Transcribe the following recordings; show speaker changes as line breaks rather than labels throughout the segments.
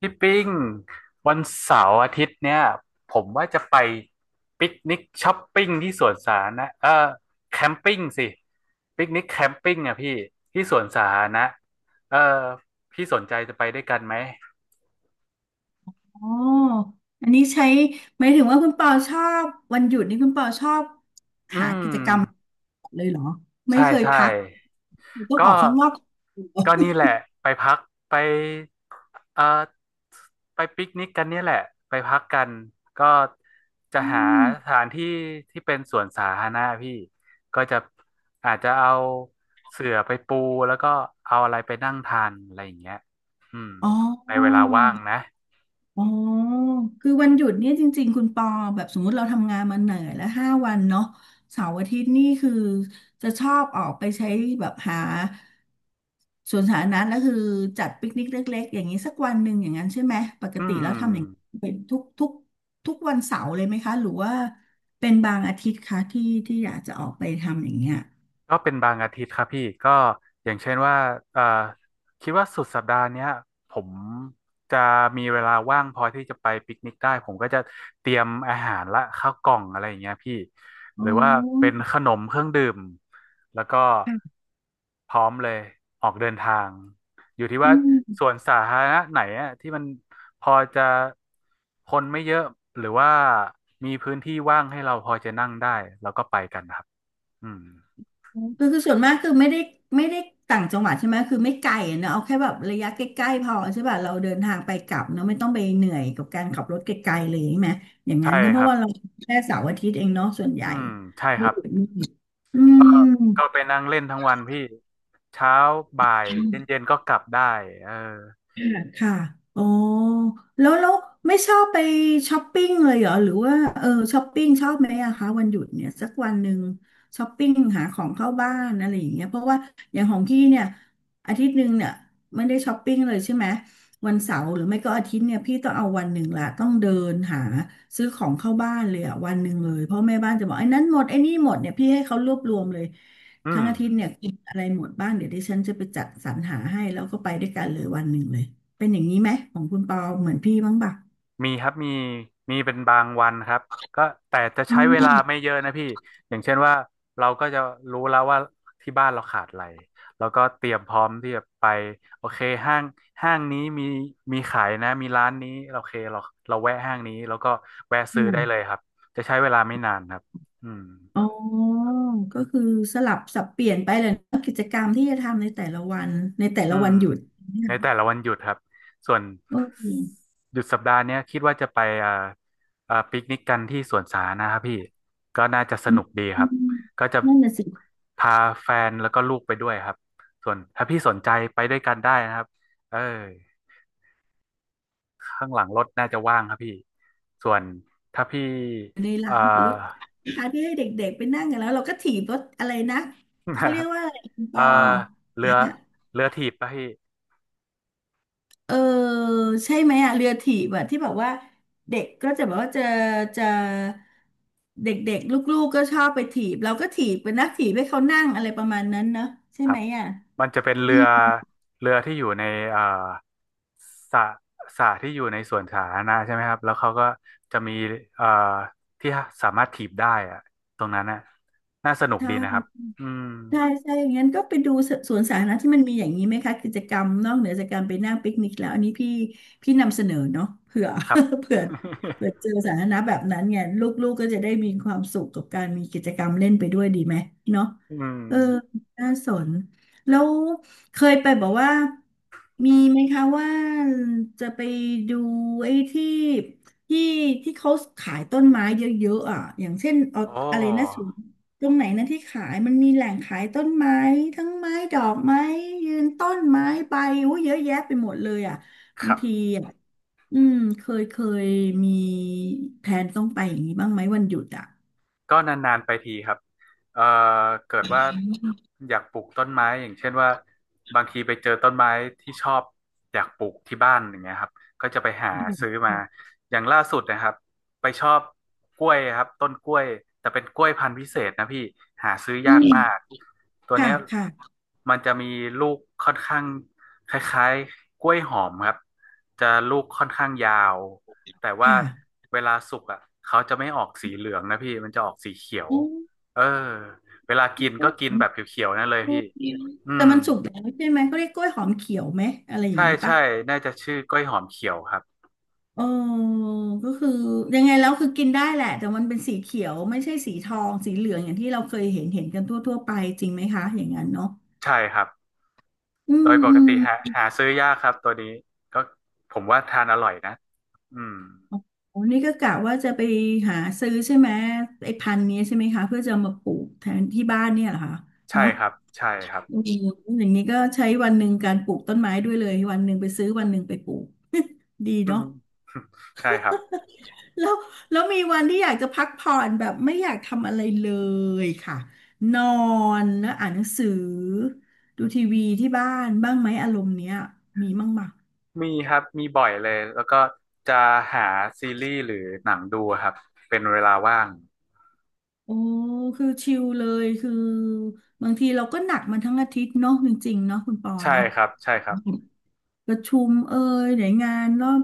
พี่ปิ้งวันเสาร์อาทิตย์เนี่ยผมว่าจะไปปิกนิกช้อปปิ้งที่สวนสาธารณะแคมปิ้งสิปิกนิกแคมปิ้งอ่ะพี่ที่สวนสาธารณะเออพี่สนใจจะไปด้วยกันไหม
อ๋ออันนี้ใช้หมายถึงว่าคุณเปาชอบวันหยุดนี่คุณเปาชอบ
อื
หา
ม
กิจกรรมเลยเหรอไม่
ใช่
เคย
ใช่
พักต้องอ
ก็
อกข้างนอก
ก็นี่แหละไปพักไปเอ่อไปปิกนิกกันเนี่ยแหละไปพักกันก็จะ
อื
หา
ม
สถานที่ที่เป็นสวนสาธารณะพี่ก็จะอาจจะเอาเสื่อไปปูแล้วก็เอาอะไรไปนั่งทานอะไรอย่างเงี้ยอืม
อ๋อ
ในเวลาว่างนะ
อ๋อคือวันหยุดเนี่ยจริงๆ คุณปอแบบสมมุติเราทำงานมาเหนื่อยแล้วห้าวันเนาะเสาร์อาทิตย์นี่คือจะชอบออกไปใช้แบบหาสวนสาธารณะแล้วคือจัดปิกนิกเล็กๆอย่างนี้สักวันหนึ่งอย่างนั้นใช่ไหมปก
อื
ติแล้ว
ม
ทำอย่างเป็นทุกทุกวันเสาร์เลยไหมคะหรือว่าเป็นบางอาทิตย์คะที่ที่อยากจะออกไปทำอย่างเงี้ย
ก็เป็นบางอาทิตย์ครับพี่ก็อย่างเช่นว่าเอ่อคิดว่าสุดสัปดาห์เนี้ยผมจะมีเวลาว่างพอที่จะไปปิกนิกได้ผมก็จะเตรียมอาหารและข้าวกล่องอะไรอย่างเงี้ยพี่หรือ
โอ้
ว่าเป็นขนมเครื่องดื่มแล้วก็
ค่ะ
พร้อมเลยออกเดินทางอยู่ที่
อื
ว่าสว
ม
นสาธารณะไหนอะที่มันพอจะคนไม่เยอะหรือว่ามีพื้นที่ว่างให้เราพอจะนั่งได้แล้วก็ไปกันครับอืม
คือส่วนมากคือไม่ได้ต่างจังหวัดใช่ไหมคือไม่ไกลอะเนอะเอาแค่แบบระยะใกล้ๆพอใช่ป่ะเราเดินทางไปกลับเนอะไม่ต้องไปเหนื่อยกับการขับรถไกลๆเลยใช่ไหมอย่าง
ใช่
นั้นถ้ะเพ
ครั
ราะ
บ
ว่าเราแค่เสาร์อาทิตย์เองเนาะส่วนให
อื
ญ่
มใช่ครับ
อื
ก็ก็
ม
ไปนั่งเล่นทั้งวันพี่เช้าบ่ายเย็นๆก็กลับได้เออ
ค่ะค่ะอ๋อแล้วไม่ชอบไปช้อปปิ้งเลยเหรอหรือว่าช้อปปิ้งชอบไหมอะคะวันหยุดเนี่ยสักวันหนึ่งช้อปปิ้งหาของเข้าบ้านอะไรอย่างเงี้ยเพราะว่าอย่างของพี่เนี่ยอาทิตย์หนึ่งเนี่ยไม่ได้ช้อปปิ้งเลยใช่ไหมวันเสาร์หรือไม่ก็อาทิตย์เนี่ยพี่ต้องเอาวันหนึ่งละต้องเดินหาซื้อของเข้าบ้านเลยอะวันหนึ่งเลยเพราะแม่บ้านจะบอกไอ้นั้นหมดไอ้นี่หมดเนี่ยพี่ให้เขารวบรวมเลย
อื
ทั้
ม
งอาทิตย์เนี่ยกินอะไรหมดบ้างเดี๋ยวดิฉันจะไปจัดสรรหาให้แล้วก็ไปด้วยกันเลยวันหนึ่งเลย เป็นอย่างนี้ไหมของคุณปอเหมือนพี่บ้างป่ะ
มีครับมีมีเป็นบางวันครับก็แต่จะ
อื
ใช้เวลา
ม
ไม่เยอะนะพี่อย่างเช่นว่าเราก็จะรู้แล้วว่าที่บ้านเราขาดอะไรแล้วก็เตรียมพร้อมที่จะไปโอเคห้างห้างนี้มีมีขายนะมีร้านนี้โอเคเราเราแวะห้างนี้แล้วก็แวะซื้อได้เลย
อ
ครับจะใช้เวลาไม่นานครับอืม
อ๋อ ก็คือสลับสับเปลี่ยนไปเลยนะกิจกรรมที่จะทำในแต่ละวันในแต่
อื
ละวั
ม
นหยุด
ในแต่ละวันหยุดครับส่วน
โอเค
หยุดสัปดาห์เนี้ยคิดว่าจะไปปิกนิกกันที่สวนสาธารณะครับพี่ก็น่าจะส
อืม
นุกดีค
อื
รับ
ม
ก็จะ
นั่นน่ะสิ
พาแฟนแล้วก็ลูกไปด้วยครับส่วนถ้าพี่สนใจไปด้วยกันได้นะครับเออข้างหลังรถน่าจะว่างครับพี่ส่วนถ้าพี่
อยู่ใน
เอ่อ
ร้านรถคาที่ให้เด็กๆไปนั่งกันแล้วเราก็ถีบรถอะไรนะเขาเรียก ว่าอะไรคุณป
เอ่อ
อ
เรือ เรือถีบป่ะพี่
เออใช่ไหมอะเรือถีบอะที่แบบว่าเด็กก็จะแบบว่าจะเด็กๆลูกๆก็ชอบไปถีบเราก็ถีบเป็นนักถีบให้เขานั่งอะไรประมาณนั้นเนอะใช่
ครั
ไห
บ
มอะ
มันจะเป็นเรื
อื
อ
ม
เรือที่อยู่ในเอ่อสระสระที่อยู่ในสวนสาธารณะใช่ไหมครับแล้วเขาก็จะมีเอ่อที่สามารถถีบได้อะตรงนั้นน่ะน่าสนุ
ใ
กดีนะครับ
ช่
อืม
ใช่ใช่ อย่างนั้นก็ไปดูสวนสาธารณะที่มันมีอย่างนี้ไหมคะกิจกรรมนอกเหนือจากการไปนั่งปิกนิกแล้วอันนี้พี่พี่นำเสนอเนาะเผื่อ
ครับ
เผื่อเจอสาธารณะแบบนั้นเนี่ยลูกๆกก็จะได้มีความสุขกับการมีกิจกรรมเล่นไปด้วยดีไหมเนาะ
อืม
เออน่าสนแล้วเคยไปบอกว่ามีไหมคะว่าจะไปดูไอ้ที่ที่ที่เขาขายต้นไม้เยอะๆอ่ะอย่างเช่นเอา
โอ้
อะไรนะ ตรงไหนนะที่ขายมันมีแหล่งขายต้นไม้ทั้งไม้ดอกไม้ยืนต้นไม้ใบอู้เยอะแยะไปหมดเลยอ่ะ
ค
บาง
รั
ที
บ
อ่ะอืมเคยมีแผนต้องไปอย่างนี้บ้างไหมวันหยุดอ่ะ
ก็นานๆไปทีครับเอ่อเกิดว่าอยากปลูกต้นไม้อย่างเช่นว่าบางทีไปเจอต้นไม้ที่ชอบอยากปลูกที่บ้านอย่างเงี้ยครับก็จะไปหาซื้อมาอย่างล่าสุดนะครับไปชอบกล้วยครับต้นกล้วยแต่เป็นกล้วยพันธุ์พิเศษนะพี่หาซื้อ
อื
ยาก
ม
มากตัว
ค่ะ
เนี้ย
ค่ะ
มันจะมีลูกค่อนข้างคล้ายๆกล้วยหอมครับจะลูกค่อนข้างยาว แต่
ค
ว่า
่ะ
เวลาสุกอ่ะเขาจะไม่ออกสีเหลืองนะพี่มันจะออกสีเขียว
อืม
เออเวลากิน
กล้
ก็
วย
กิ
ห
น
อ
แบบเขียวๆนั่นเลยพี่
มเขียว
อื
แต่
ม
มันสุกแล้วใช่ไหมเขาเรียกกล้วยหอมเขียวไหมอะไรอย่าง
ใช่
นี้ปะ
ใช่น่าจะชื่อกล้วยหอมเขียวครับ
เออก็คือยังไงแล้วคือกินได้แหละแต่มันเป็นสีเขียวไม่ใช่สีทองสีเหลืองอย่างที่เราเคยเห็นเห็นกันทั่วๆไปจริงไหมคะอย่างนั้นเนาะ
ใช่ครับ
อื
โด
ม
ยป
อื
ก
ม
ติหาหาซื้อยากครับตัวนี้ก็ผมว่าทานอร่อยนะอืม
โอ้นี่ก็กะว่าจะไปหาซื้อใช่ไหมไอ้พันธุ์นี้ใช่ไหมคะเพื่อจะเอามาปลูกแทนที่บ้านเนี่ยเหรอคะ
ใช่
เนาะ
ครับใช่ครับ
อืมอย่างนี้ก็ใช้วันหนึ่งการปลูกต้นไม้ด้วยเลยวันหนึ่งไปซื้อวันหนึ่งไปปลูก ดี
อื
เนาะ
มใช่ครับ
แล้วแล้วมีวันที่อยากจะพักผ่อนแบบไม่อยากทำอะไรเลยค่ะนอนแล้วอ่านหนังสือดูทีวีที่บ้านบ้างไหมอารมณ์เนี้ยมีบ้างไหม
มีครับมีบ่อยเลยแล้วก็จะหาซีรีส์หรือหนังดูครับเป็นเวลาว่าง
โอ้คือชิลเลยคือบางทีเราก็หนักมันทั้งอาทิตย์เนาะจริงๆเนาะคุณปอ
ใช่
เนาะ
ครับใช่ครับ
ประชุมเอ่ยไหนงานรอบ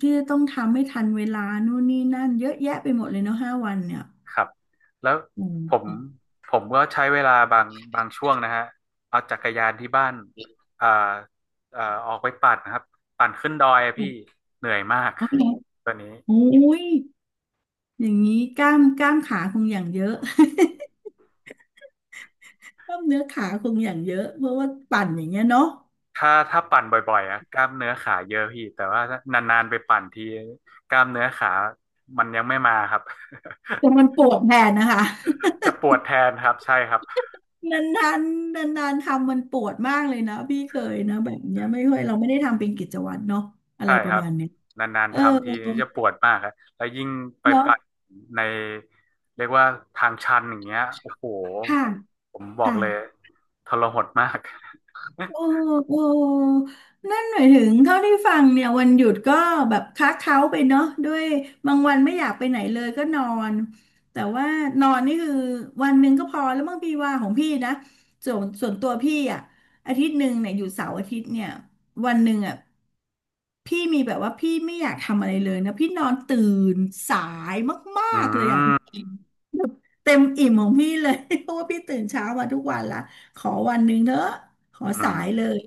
ที่จะต้องทำให้ทันเวลานู่นนี่นั่นเยอะแยะไปหมดเลยเนาะห้าวันเนี่ย
ครับแล้ว
อื
ผม
ม
ผมก็ใช้เวลาบางช่วงนะฮะเอาจักรยานที่บ้านอ่าออกไปปั่นนะครับปั่นขึ้นดอยอะพี่เหนื่อยมาก
โอเค
ตัวนี้
โอ้ยอย่างนี้กล้ามขาคงอย่างเยอะ กล้ามเนื้อขาคงอย่างเยอะเพราะว่าปั่นอย่างเงี้ยเนาะ
ถ้าปั่นบ่อยๆอะกล้ามเนื้อขาเยอะพี่แต่ว่าถ้านานๆไปปั่นทีกล้ามเนื้อขามันยังไม่มาครับ
แต่มันปวดแทนนะคะ
จะปวดแทนครับใช่ครับ
นานๆนานๆทำมันปวดมากเลยนะพี่เคยนะแบบเนี้ยไม่ค่อยเราไม่ได้ทำเป็นกิจวัตรเนาะอะ
ใช่
ไรป
ค
ระ
รับ
มาณเนี้ย
นาน
เอ
ๆ
อ
ทำทีจะปวดมากครับแล้วยิ่งไป
เนาะ
ปัดในเรียกว่าทางชันอย่างเงี้ยโอ้โห
ค่ะ
ผมบอก
ค่ะ
เลยทรหดมาก
โอ้ โอ้นั่นหมายถึงเท่าที่ฟังเนี่ยวันหยุดก็แบบค้าเค้าไปเนาะด้วยบางวันไม่อยากไปไหนเลยก็นอนแต่ว่านอนนี่คือวันหนึ่งก็พอแล้วบางพี่ว่าของพี่นะส่วนตัวพี่อ่ะอาทิตย์หนึ่งเนี่ยอยู่เสาร์อาทิตย์เนี่ยวันหนึ่งอ่ะพี่มีแบบว่าพี่ไม่อยากทำอะไรเลยนะพี่นอนตื่นสายมา
อื
กๆเลยอ่ะคุณ
ม
เต็มอิ่มของพี่เลย เพราะว่าพี่ตื่นเช้ามาทุกวันละขอวันหนึ่งเถอะขอ
อื
สา
ม
ยเลย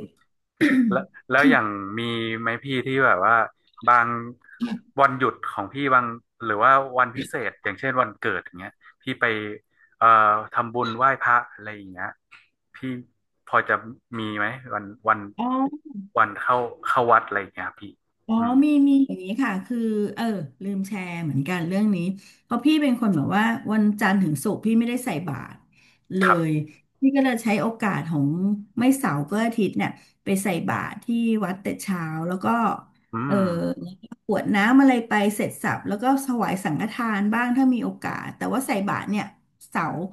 แล้วแล้วอย่างมีไหมพี่ที่แบบว่าบางวันหยุดของพี่บางหรือว่าวันพิเศษอย่างเช่นวันเกิดอย่างเงี้ยพี่ไปเอ่อทำบุญไหว้พระอะไรอย่างเงี้ยพี่พอจะมีไหมวันวัน
อ๋อ
วันเข้าเข้าวัดอะไรอย่างเงี้ยพี่
อ๋อ
อืม
มีมีอย่างนี้ค่ะคือเออลืมแชร์เหมือนกันเรื่องนี้เพราะพี่เป็นคนแบบว่าวันจันทร์ถึงศุกร์พี่ไม่ได้ใส่บาตรเล
ครั
ย
บ
พี่ก็เลยใช้โอกาสของไม่เสาร์ก็อาทิตย์เนี่ยไปใส่บาตรที่วัดแต่เช้าแล้วก็
อื
เออ
ม
แล้วก็กรวดน้ำอะไรไปเสร็จสรรพแล้วก็ถวายสังฆทานบ้างถ้ามีโอกาสแต่ว่าใส่บาตรเนี่ยเสาร์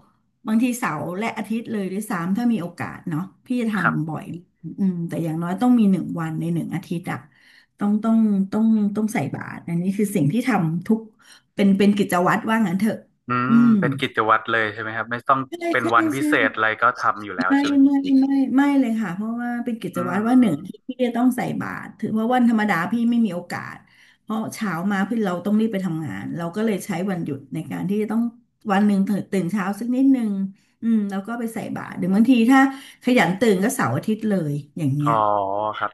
บางทีเสาร์และอาทิตย์เลยด้วยซ้ำถ้ามีโอกาสเนาะพี่จะท
ครับ
ำบ่อยอืมแต่อย่างน้อยต้องมีหนึ่งวันในหนึ่งอาทิตย์อะ ต้องต้องต้องต้องใส่บาตรอันนี้คือสิ่งที่ทำทุกเป็นกิจวัตรว่างั้นเถอะ
อื
อื
ม
ม
เป็นกิจวัตรเลยใช่ไหมครับไม่ต้อง
ใช่
เป็น
ใช่
วันพิ
ใช่
เศษอะไรก็ทำอยู่แล้ว
ไม่
ใช่ไหมพี่
ไม่ไม่เลยค่ะเพราะว่าเป็นกิจ
อื
วัตรว่าห
ม
นึ่งที่พี่จะต้องใส่บาตรถือว่าวันธรรมดาพี่ไม่มีโอกาสเพราะเช้ามาพี่เราต้องรีบไปทำงานเราก็เลยใช้วันหยุดในการที่จะต้องวันหนึ่งตื่นเช้าสักนิดนึงอืมแล้วก็ไปใส่บาตรหรือบางทีถ้าขยันตื่นก็เสาร์อาทิตย์เลยอย่าง
อ๋
เงี้
อ
ย
ครับ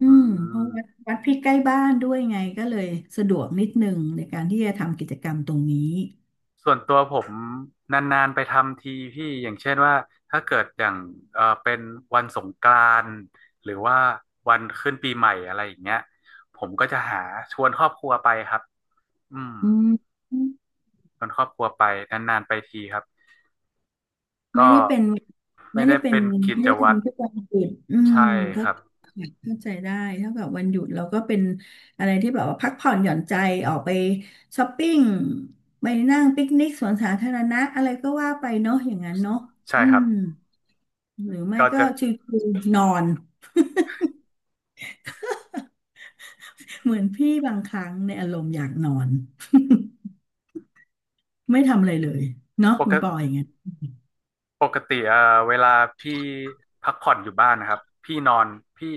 อื
อื
มเพ
ม
ราะวัดพี่ใกล้บ้านด้วยไงก็เลยสะดวกนิดนึงในการที่จะทำกิจกรรมตรงนี้
ส่วนตัวผมนานๆไปทำทีพี่อย่างเช่นว่าถ้าเกิดอย่างเออเป็นวันสงกรานต์หรือว่าวันขึ้นปีใหม่อะไรอย่างเงี้ยผมก็จะหาชวนครอบครัวไปครับอืม
อืม
ชวนครอบครัวไปนานๆไปทีครับ
ไม่
ก็
ได้เป็น
ไม่
ไม่ได้
ได้
เป็น
เป็นกิ
ไม่
จ
ได้
วัตร
ทำทุกวันหยุดอืม
ใช่
ก็
ครับ
เข้าใจได้เท่ากับวันหยุดเราก็เป็นอะไรที่แบบว่าพักผ่อนหย่อนใจออกไปช้อปปิ้งไปนั่งปิกนิกสวนสาธารณะอะไรก็ว่าไปเนาะอย่างนั้นเนาะ
ใช่
อื
ครับ
มหรือไม่
ก็
ก็
จะ
ชิวๆนอน เหมือนพี่บางครั้งในอารมณ์อยากนอน ไม่ทำอะไรเลยเนาะ
ป
คุ
ก
ณปออย่างเงี้ย
ปกติเวลาพี่พักผ่อนอยู่บ้านนะครับพี่นอนพี่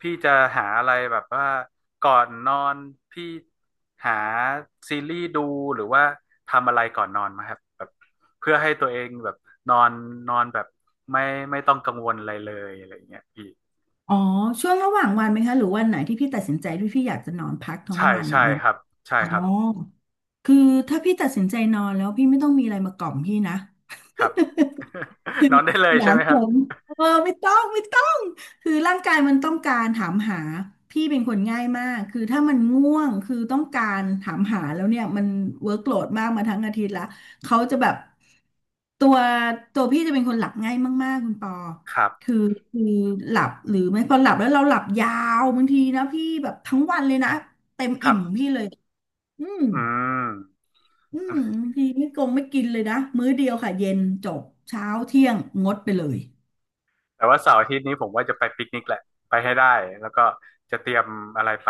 พี่จะหาอะไรแบบว่าก่อนนอนพี่หาซีรีส์ดูหรือว่าทำอะไรก่อนนอนไหมครับแบบเพื่อให้ตัวเองแบบนอนนอนแบบไม่ไม่ต้องกังวลอะไรเลยอะไรอย่างเงี้ยพี่
อ๋อช่วงระหว่างวันไหมคะหรือวันไหนที่พี่ตัดสินใจที่พี่อยากจะนอนพักทั้ง
ใช่
วันอ
ใช่
ย่างเงี้ย
ครับใช่
อ๋อ
ครับ
คือถ้าพี่ตัดสินใจนอนแล้วพี่ไม่ต้องมีอะไรมากล่อมพี่นะ
ครับ นอนได้เล ย
ห
ใช่
นาม
ไหมค
ผ
รับ
มเออไม่ต้องคือร่างกายมันต้องการถามหาพี่เป็นคนง่ายมากคือถ้ามันง่วงคือต้องการถามหาแล้วเนี่ยมันเวิร์กโหลดมากมาทั้งอาทิตย์ละเขาจะแบบตัวตัวพี่จะเป็นคนหลับง่ายมากๆคุณปอ
ครับ
คือคือหลับหรือไม่พอหลับแล้วเราหลับยาวบางทีนะพี่แบบทั้งวันเลยนะเต็ม
ครั
อิ่ม
บ
ของพี่เลยอืม
อืม
อืมบางทีไม่กงไม่กินเลยนะมื้อเดียวค่ะเย็นจบเช้าเที่ยงงดไปเลย
แต่ว่าเสาร์อาทิตย์นี้ผมว่าจะไปปิกนิกแหละไปให้ได้แล้วก็จะเตรียมอะไรไป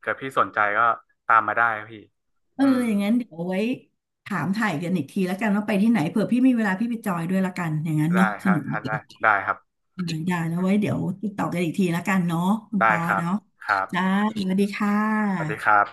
เกิดพี่สนใจก็ตามมาได้ครับพี่
เออ
อืม
อย่างนั้นเดี๋ยวเอาไว้ถามถ่ายกันอีกทีแล้วกันว่าไปที่ไหนเผื่อพี่มีเวลาพี่ไปจอยด้วยละกันอย่างนั้น
ได้
เนาะ
ค
ส
รั
นุ
บ
กดี
ได้ได้ครับ
อืมได้แล้วไว้เดี๋ยวติดต่อกันอีกทีละกันเนาะคุณ
ได้
ปอ
ครับ
เนาะ
ครั
จ้า
บ
สวัสดีค่ะ
สวัสดีครับ